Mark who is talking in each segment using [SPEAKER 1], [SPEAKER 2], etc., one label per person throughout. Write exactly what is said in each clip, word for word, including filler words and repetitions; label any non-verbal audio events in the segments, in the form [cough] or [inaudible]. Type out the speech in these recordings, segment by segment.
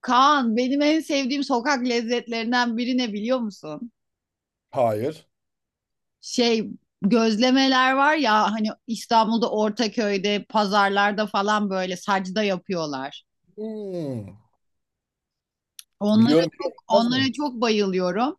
[SPEAKER 1] Kaan benim en sevdiğim sokak lezzetlerinden biri ne biliyor musun?
[SPEAKER 2] Hayır.
[SPEAKER 1] Şey, gözlemeler var ya hani İstanbul'da Ortaköy'de pazarlarda falan böyle sacda yapıyorlar.
[SPEAKER 2] Hmm.
[SPEAKER 1] Onlara
[SPEAKER 2] Biliyorum
[SPEAKER 1] çok
[SPEAKER 2] biliyorum. Bilmez
[SPEAKER 1] onlara
[SPEAKER 2] miyim?
[SPEAKER 1] çok bayılıyorum.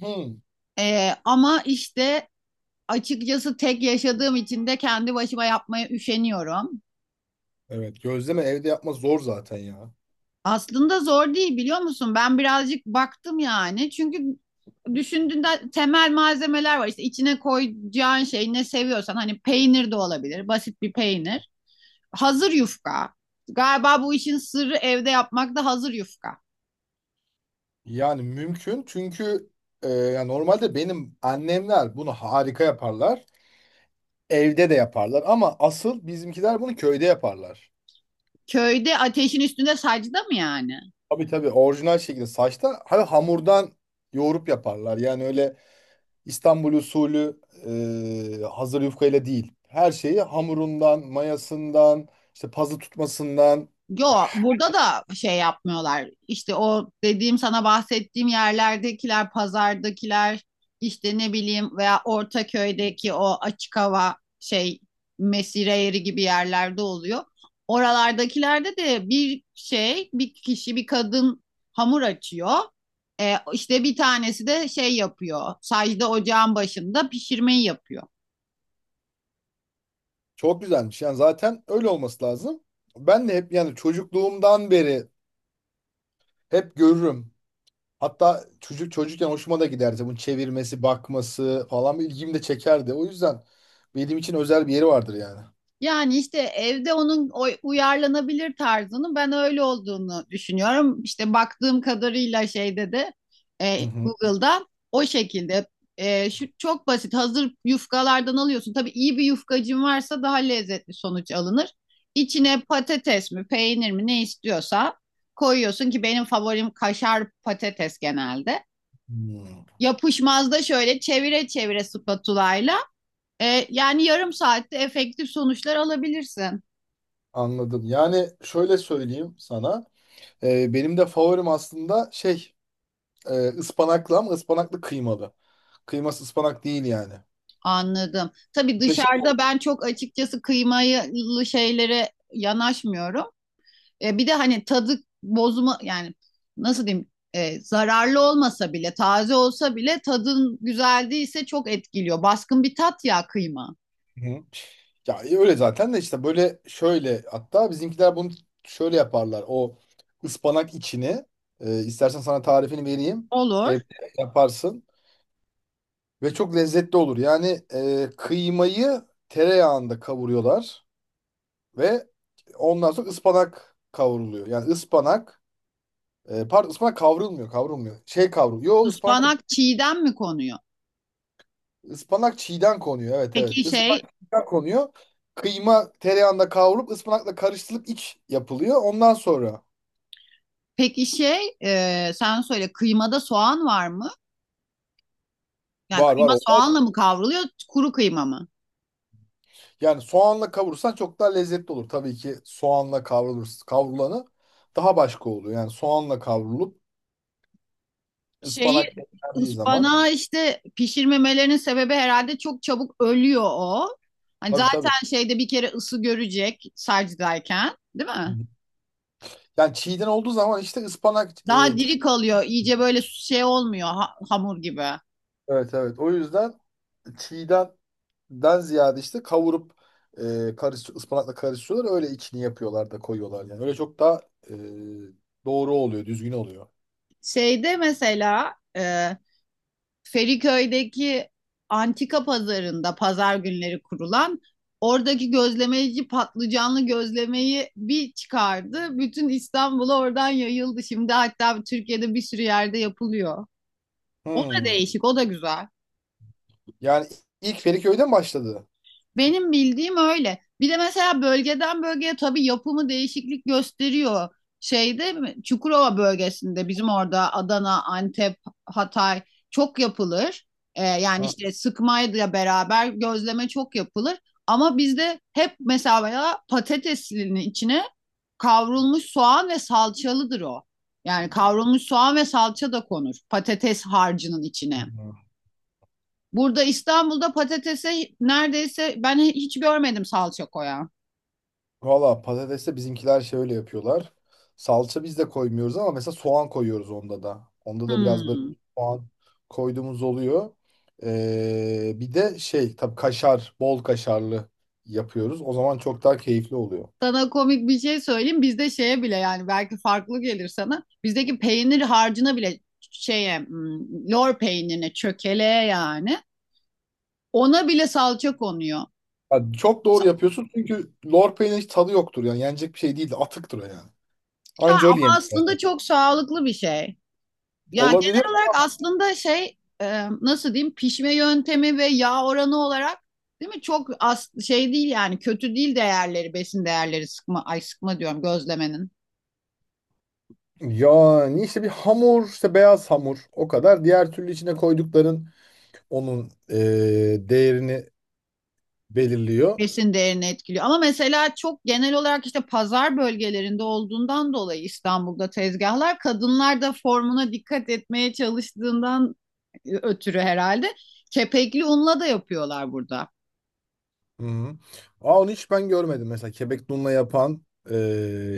[SPEAKER 2] Hmm.
[SPEAKER 1] Ee, ama işte açıkçası tek yaşadığım için de kendi başıma yapmaya üşeniyorum.
[SPEAKER 2] Evet, gözleme evde yapmak zor zaten ya.
[SPEAKER 1] Aslında zor değil biliyor musun? Ben birazcık baktım yani. Çünkü düşündüğünde temel malzemeler var. İşte içine koyacağın şey ne seviyorsan hani peynir de olabilir. Basit bir peynir. Hazır yufka. Galiba bu işin sırrı evde yapmak da hazır yufka.
[SPEAKER 2] Yani mümkün çünkü e, yani normalde benim annemler bunu harika yaparlar. Evde de yaparlar ama asıl bizimkiler bunu köyde yaparlar.
[SPEAKER 1] Köyde ateşin üstünde sacda mı yani?
[SPEAKER 2] Tabii tabii orijinal şekilde saçta hani hamurdan yoğurup yaparlar. Yani öyle İstanbul usulü, e, hazır yufkayla değil. Her şeyi hamurundan, mayasından, işte pazı tutmasından.
[SPEAKER 1] Yo, burada da şey yapmıyorlar. İşte o dediğim, sana bahsettiğim yerlerdekiler, pazardakiler, işte ne bileyim, veya Ortaköy'deki o açık hava şey, mesire yeri gibi yerlerde oluyor. Oralardakilerde de bir şey, bir kişi, bir kadın hamur açıyor. E, işte bir tanesi de şey yapıyor. Sadece ocağın başında pişirmeyi yapıyor.
[SPEAKER 2] Çok güzelmiş. Yani zaten öyle olması lazım. Ben de hep yani çocukluğumdan beri hep görürüm. Hatta çocuk çocukken hoşuma da giderdi. Bunun çevirmesi, bakması falan ilgimi de çekerdi. O yüzden benim için özel bir yeri vardır yani.
[SPEAKER 1] Yani işte evde onun oy- uyarlanabilir tarzının ben öyle olduğunu düşünüyorum. İşte baktığım kadarıyla şeyde de,
[SPEAKER 2] Hı
[SPEAKER 1] e,
[SPEAKER 2] hı.
[SPEAKER 1] Google'da o şekilde, E, şu çok basit hazır yufkalardan alıyorsun. Tabii iyi bir yufkacın varsa daha lezzetli sonuç alınır. İçine patates mi peynir mi ne istiyorsa koyuyorsun ki benim favorim kaşar patates genelde.
[SPEAKER 2] Hmm.
[SPEAKER 1] Yapışmazda şöyle çevire çevire spatulayla, e, yani yarım saatte efektif sonuçlar alabilirsin.
[SPEAKER 2] Anladım. Yani şöyle söyleyeyim sana. Ee, benim de favorim aslında şey, e, ıspanaklı, ama ıspanaklı kıymalı. Kıyması ıspanak değil yani.
[SPEAKER 1] Anladım. Tabii
[SPEAKER 2] Muhteşem.
[SPEAKER 1] dışarıda ben çok açıkçası kıymalı şeylere yanaşmıyorum. E, bir de hani tadı bozma yani, nasıl diyeyim, e, zararlı olmasa bile, taze olsa bile tadın güzel değilse çok etkiliyor. Baskın bir tat ya kıyma.
[SPEAKER 2] Hı. Ya, e, öyle zaten de işte böyle şöyle, hatta bizimkiler bunu şöyle yaparlar. O ıspanak içini, e, istersen sana tarifini vereyim.
[SPEAKER 1] Olur.
[SPEAKER 2] Evde yaparsın ve çok lezzetli olur. Yani e, kıymayı tereyağında kavuruyorlar. Ve ondan sonra ıspanak kavruluyor. Yani ıspanak, e, pardon, ıspanak kavrulmuyor, kavrulmuyor. Şey kavrul. Yo, ıspanak da
[SPEAKER 1] Ispanak çiğden mi konuyor?
[SPEAKER 2] ıspanak çiğden konuyor. Evet,
[SPEAKER 1] Peki
[SPEAKER 2] evet.
[SPEAKER 1] şey
[SPEAKER 2] Ispanak çiğden konuyor. Kıyma tereyağında kavrulup ıspanakla karıştırılıp iç yapılıyor. Ondan sonra
[SPEAKER 1] peki şey, e, sen söyle, kıymada soğan var mı? Yani
[SPEAKER 2] var, var,
[SPEAKER 1] kıyma
[SPEAKER 2] olmaz mı?
[SPEAKER 1] soğanla mı kavruluyor, kuru kıyma mı?
[SPEAKER 2] Yani soğanla kavurursan çok daha lezzetli olur. Tabii ki soğanla kavrulur, kavrulanı daha başka oluyor. Yani soğanla kavrulup
[SPEAKER 1] Şeyi,
[SPEAKER 2] ıspanak eklendiği zaman,
[SPEAKER 1] ıspanağı işte pişirmemelerinin sebebi herhalde çok çabuk ölüyor o. Hani
[SPEAKER 2] tabii, tabii.
[SPEAKER 1] zaten şeyde bir kere ısı görecek sarcıdayken, değil mi?
[SPEAKER 2] Yani çiğden olduğu zaman işte ıspanak,
[SPEAKER 1] Daha
[SPEAKER 2] e,
[SPEAKER 1] diri kalıyor. İyice böyle şey olmuyor, ha- hamur gibi.
[SPEAKER 2] evet, evet. O yüzden çiğdenden ziyade işte kavurup, e, karış, ıspanakla karıştırıyorlar. Öyle içini yapıyorlar da koyuyorlar yani. Öyle çok daha e, doğru oluyor, düzgün oluyor.
[SPEAKER 1] Şeyde mesela, e, Feriköy'deki antika pazarında pazar günleri kurulan oradaki gözlemeci patlıcanlı gözlemeyi bir çıkardı. Bütün İstanbul'a oradan yayıldı. Şimdi hatta Türkiye'de bir sürü yerde yapılıyor. O da
[SPEAKER 2] Hmm.
[SPEAKER 1] değişik, o da güzel.
[SPEAKER 2] Yani ilk Feriköy'de başladı?
[SPEAKER 1] Benim bildiğim öyle. Bir de mesela bölgeden bölgeye tabii yapımı değişiklik gösteriyor. Şeyde mi- Çukurova bölgesinde bizim orada Adana, Antep, Hatay çok yapılır. Ee, yani
[SPEAKER 2] Ha.
[SPEAKER 1] işte sıkmayla beraber gözleme çok yapılır. Ama bizde hep mesela ya patateslinin içine kavrulmuş soğan ve salçalıdır o. Yani kavrulmuş soğan ve salça da konur patates harcının içine. Burada İstanbul'da patatese neredeyse ben hiç görmedim salça koyan.
[SPEAKER 2] Valla, patateste bizimkiler şöyle yapıyorlar. Salça biz de koymuyoruz ama mesela soğan koyuyoruz onda da. Onda da biraz böyle
[SPEAKER 1] Hmm.
[SPEAKER 2] soğan koyduğumuz oluyor. Ee, bir de şey, tabii kaşar, bol kaşarlı yapıyoruz. O zaman çok daha keyifli oluyor.
[SPEAKER 1] Sana komik bir şey söyleyeyim. Bizde şeye bile, yani belki farklı gelir sana, bizdeki peynir harcına bile, şeye, hmm, lor peynirine, çökeleğe, yani ona bile salça konuyor.
[SPEAKER 2] Yani çok doğru
[SPEAKER 1] Sa-
[SPEAKER 2] yapıyorsun çünkü lor peynirin hiç tadı yoktur yani. Yenecek bir şey değil, de atıktır o yani.
[SPEAKER 1] Ya
[SPEAKER 2] Anca öyle
[SPEAKER 1] ama
[SPEAKER 2] yenir zaten.
[SPEAKER 1] aslında çok sağlıklı bir şey. Ya
[SPEAKER 2] Olabilir.
[SPEAKER 1] genel olarak aslında şey, e, nasıl diyeyim, pişme yöntemi ve yağ oranı olarak, değil mi, çok az şey değil yani, kötü değil değerleri, besin değerleri sıkma, ay sıkma diyorum, gözlemenin
[SPEAKER 2] Yani işte bir hamur, işte beyaz hamur, o kadar. Diğer türlü içine koydukların onun e, değerini belirliyor.
[SPEAKER 1] besin değerini etkiliyor. Ama mesela çok genel olarak işte pazar bölgelerinde olduğundan dolayı İstanbul'da tezgahlar, kadınlar da formuna dikkat etmeye çalıştığından, e, ötürü herhalde kepekli unla da yapıyorlar burada.
[SPEAKER 2] Hı-hı. Aa, onu hiç ben görmedim. Mesela kebek dunla yapan e,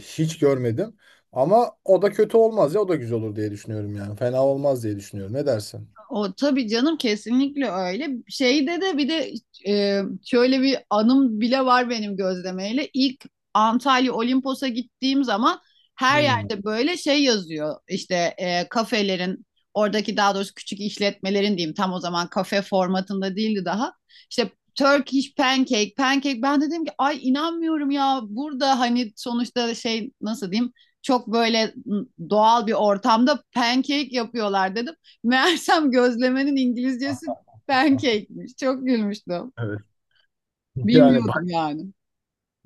[SPEAKER 2] hiç görmedim. Ama o da kötü olmaz ya, o da güzel olur diye düşünüyorum yani. Fena olmaz diye düşünüyorum. Ne dersin?
[SPEAKER 1] O tabii canım, kesinlikle öyle. Şeyde de bir de, e, şöyle bir anım bile var benim gözlemeyle. İlk Antalya Olimpos'a gittiğim zaman her
[SPEAKER 2] Hmm.
[SPEAKER 1] yerde böyle şey yazıyor. İşte e, kafelerin oradaki, daha doğrusu küçük işletmelerin diyeyim, tam o zaman kafe formatında değildi daha. İşte Turkish pancake, pancake. Ben de dedim ki ay, inanmıyorum ya, burada hani sonuçta şey, nasıl diyeyim, çok böyle doğal bir ortamda pancake yapıyorlar dedim. Meğersem gözlemenin
[SPEAKER 2] Ah.
[SPEAKER 1] İngilizcesi
[SPEAKER 2] Ah.
[SPEAKER 1] pancake'miş. Çok gülmüştüm.
[SPEAKER 2] Evet. [laughs] Yani
[SPEAKER 1] Bilmiyordum
[SPEAKER 2] bak,
[SPEAKER 1] yani.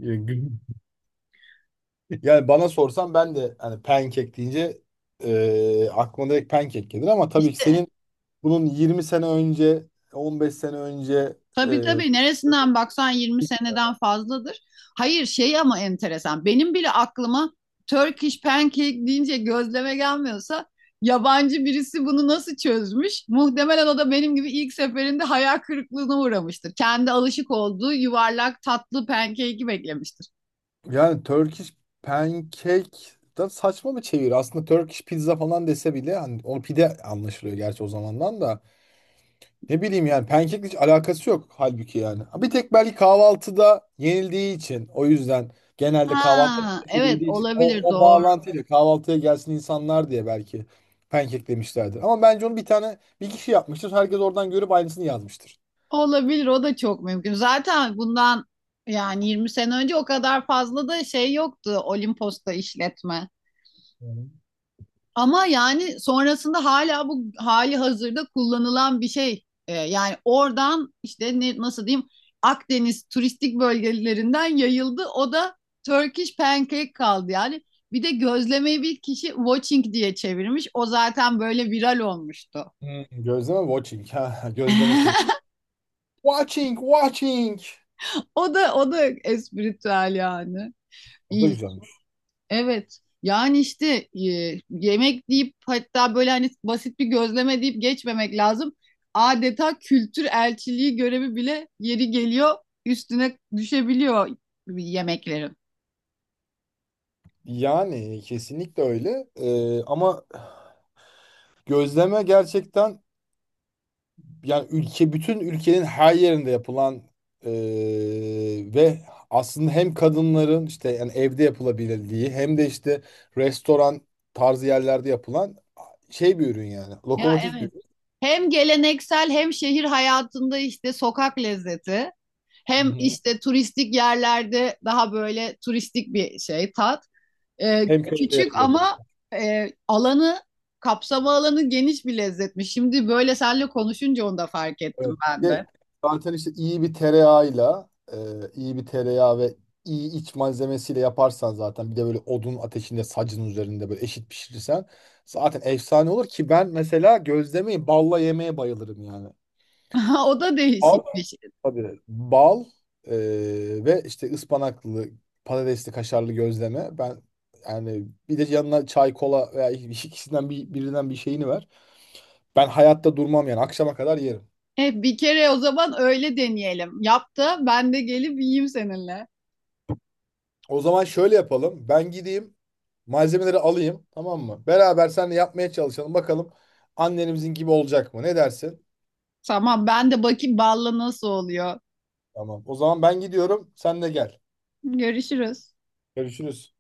[SPEAKER 2] e, gü- [laughs] yani bana sorsan ben de hani pancake deyince e, aklıma direkt pancake gelir, ama tabii ki
[SPEAKER 1] İşte
[SPEAKER 2] senin bunun yirmi sene önce, on beş sene önce.
[SPEAKER 1] tabii tabii, neresinden baksan yirmi seneden fazladır. Hayır şey, ama enteresan. Benim bile aklıma Turkish pancake deyince gözleme gelmiyorsa yabancı birisi bunu nasıl çözmüş? Muhtemelen o da benim gibi ilk seferinde hayal kırıklığına uğramıştır. Kendi alışık olduğu yuvarlak tatlı pancake'i beklemiştir.
[SPEAKER 2] Yani Turkish pancake da saçma bir çevir. Aslında Turkish pizza falan dese bile hani o pide anlaşılıyor gerçi, o zamandan da. Ne bileyim, yani pancake hiç alakası yok halbuki yani. Ha. Bir tek belki kahvaltıda yenildiği için, o yüzden genelde kahvaltıda
[SPEAKER 1] Ha, evet,
[SPEAKER 2] tüketebildiği için, o,
[SPEAKER 1] olabilir,
[SPEAKER 2] o
[SPEAKER 1] doğru.
[SPEAKER 2] bağlantıyla kahvaltıya gelsin insanlar diye belki pancake demişlerdir. Ama bence onu bir tane bir kişi yapmıştır. Herkes oradan görüp aynısını yazmıştır.
[SPEAKER 1] Olabilir, o da çok mümkün. Zaten bundan yani yirmi sene önce o kadar fazla da şey yoktu Olimpos'ta, işletme.
[SPEAKER 2] Hmm.
[SPEAKER 1] Ama yani sonrasında hala bu hali hazırda kullanılan bir şey. Ee, yani oradan işte ne, nasıl diyeyim, Akdeniz turistik bölgelerinden yayıldı. O da Turkish pancake kaldı yani. Bir de gözlemeyi bir kişi watching diye çevirmiş. O zaten böyle viral olmuştu.
[SPEAKER 2] Hmm. Gözleme watching. Ha, gözleme kulesi.
[SPEAKER 1] [laughs]
[SPEAKER 2] Watching, watching.
[SPEAKER 1] O da o da espritüel yani.
[SPEAKER 2] O da
[SPEAKER 1] İyi.
[SPEAKER 2] güzelmiş.
[SPEAKER 1] Evet. Yani işte, e, yemek deyip, hatta böyle hani basit bir gözleme deyip geçmemek lazım. Adeta kültür elçiliği görevi bile yeri geliyor, üstüne düşebiliyor yemeklerin.
[SPEAKER 2] Yani kesinlikle öyle. Ee, ama gözleme gerçekten yani ülke, bütün ülkenin her yerinde yapılan, ee, ve aslında hem kadınların işte yani evde yapılabildiği, hem de işte restoran tarzı yerlerde yapılan şey, bir ürün yani.
[SPEAKER 1] Ya
[SPEAKER 2] Lokomotif bir
[SPEAKER 1] evet.
[SPEAKER 2] ürün.
[SPEAKER 1] Hem geleneksel, hem şehir hayatında işte sokak lezzeti.
[SPEAKER 2] Hı
[SPEAKER 1] Hem
[SPEAKER 2] hı.
[SPEAKER 1] işte turistik yerlerde daha böyle turistik bir şey, tat. Ee,
[SPEAKER 2] Hem köyde
[SPEAKER 1] küçük
[SPEAKER 2] yapılabilir.
[SPEAKER 1] ama, e, alanı kapsama alanı geniş bir lezzetmiş. Şimdi böyle seninle konuşunca onu da fark ettim
[SPEAKER 2] Evet.
[SPEAKER 1] ben
[SPEAKER 2] Ve
[SPEAKER 1] de.
[SPEAKER 2] zaten işte iyi bir tereyağıyla, e, iyi bir tereyağı ve iyi iç malzemesiyle yaparsan, zaten bir de böyle odun ateşinde sacın üzerinde böyle eşit pişirirsen zaten efsane olur ki, ben mesela gözlemeyi balla yemeye bayılırım yani.
[SPEAKER 1] [laughs] O da
[SPEAKER 2] Bal?
[SPEAKER 1] değişik bir şey.
[SPEAKER 2] Tabii. Bal, e, ve işte ıspanaklı, patatesli, kaşarlı gözleme. Ben yani bir de yanına çay, kola veya ikisinden bir, birinden bir şeyini ver. Ben hayatta durmam yani, akşama kadar yerim.
[SPEAKER 1] E, bir kere o zaman öyle deneyelim. Yap da ben de gelip yiyeyim seninle.
[SPEAKER 2] O zaman şöyle yapalım. Ben gideyim malzemeleri alayım, tamam mı? Beraber seninle yapmaya çalışalım. Bakalım annemizin gibi olacak mı? Ne dersin?
[SPEAKER 1] Tamam, ben de bakayım balla nasıl oluyor.
[SPEAKER 2] Tamam. O zaman ben gidiyorum. Sen de gel.
[SPEAKER 1] Görüşürüz.
[SPEAKER 2] Görüşürüz.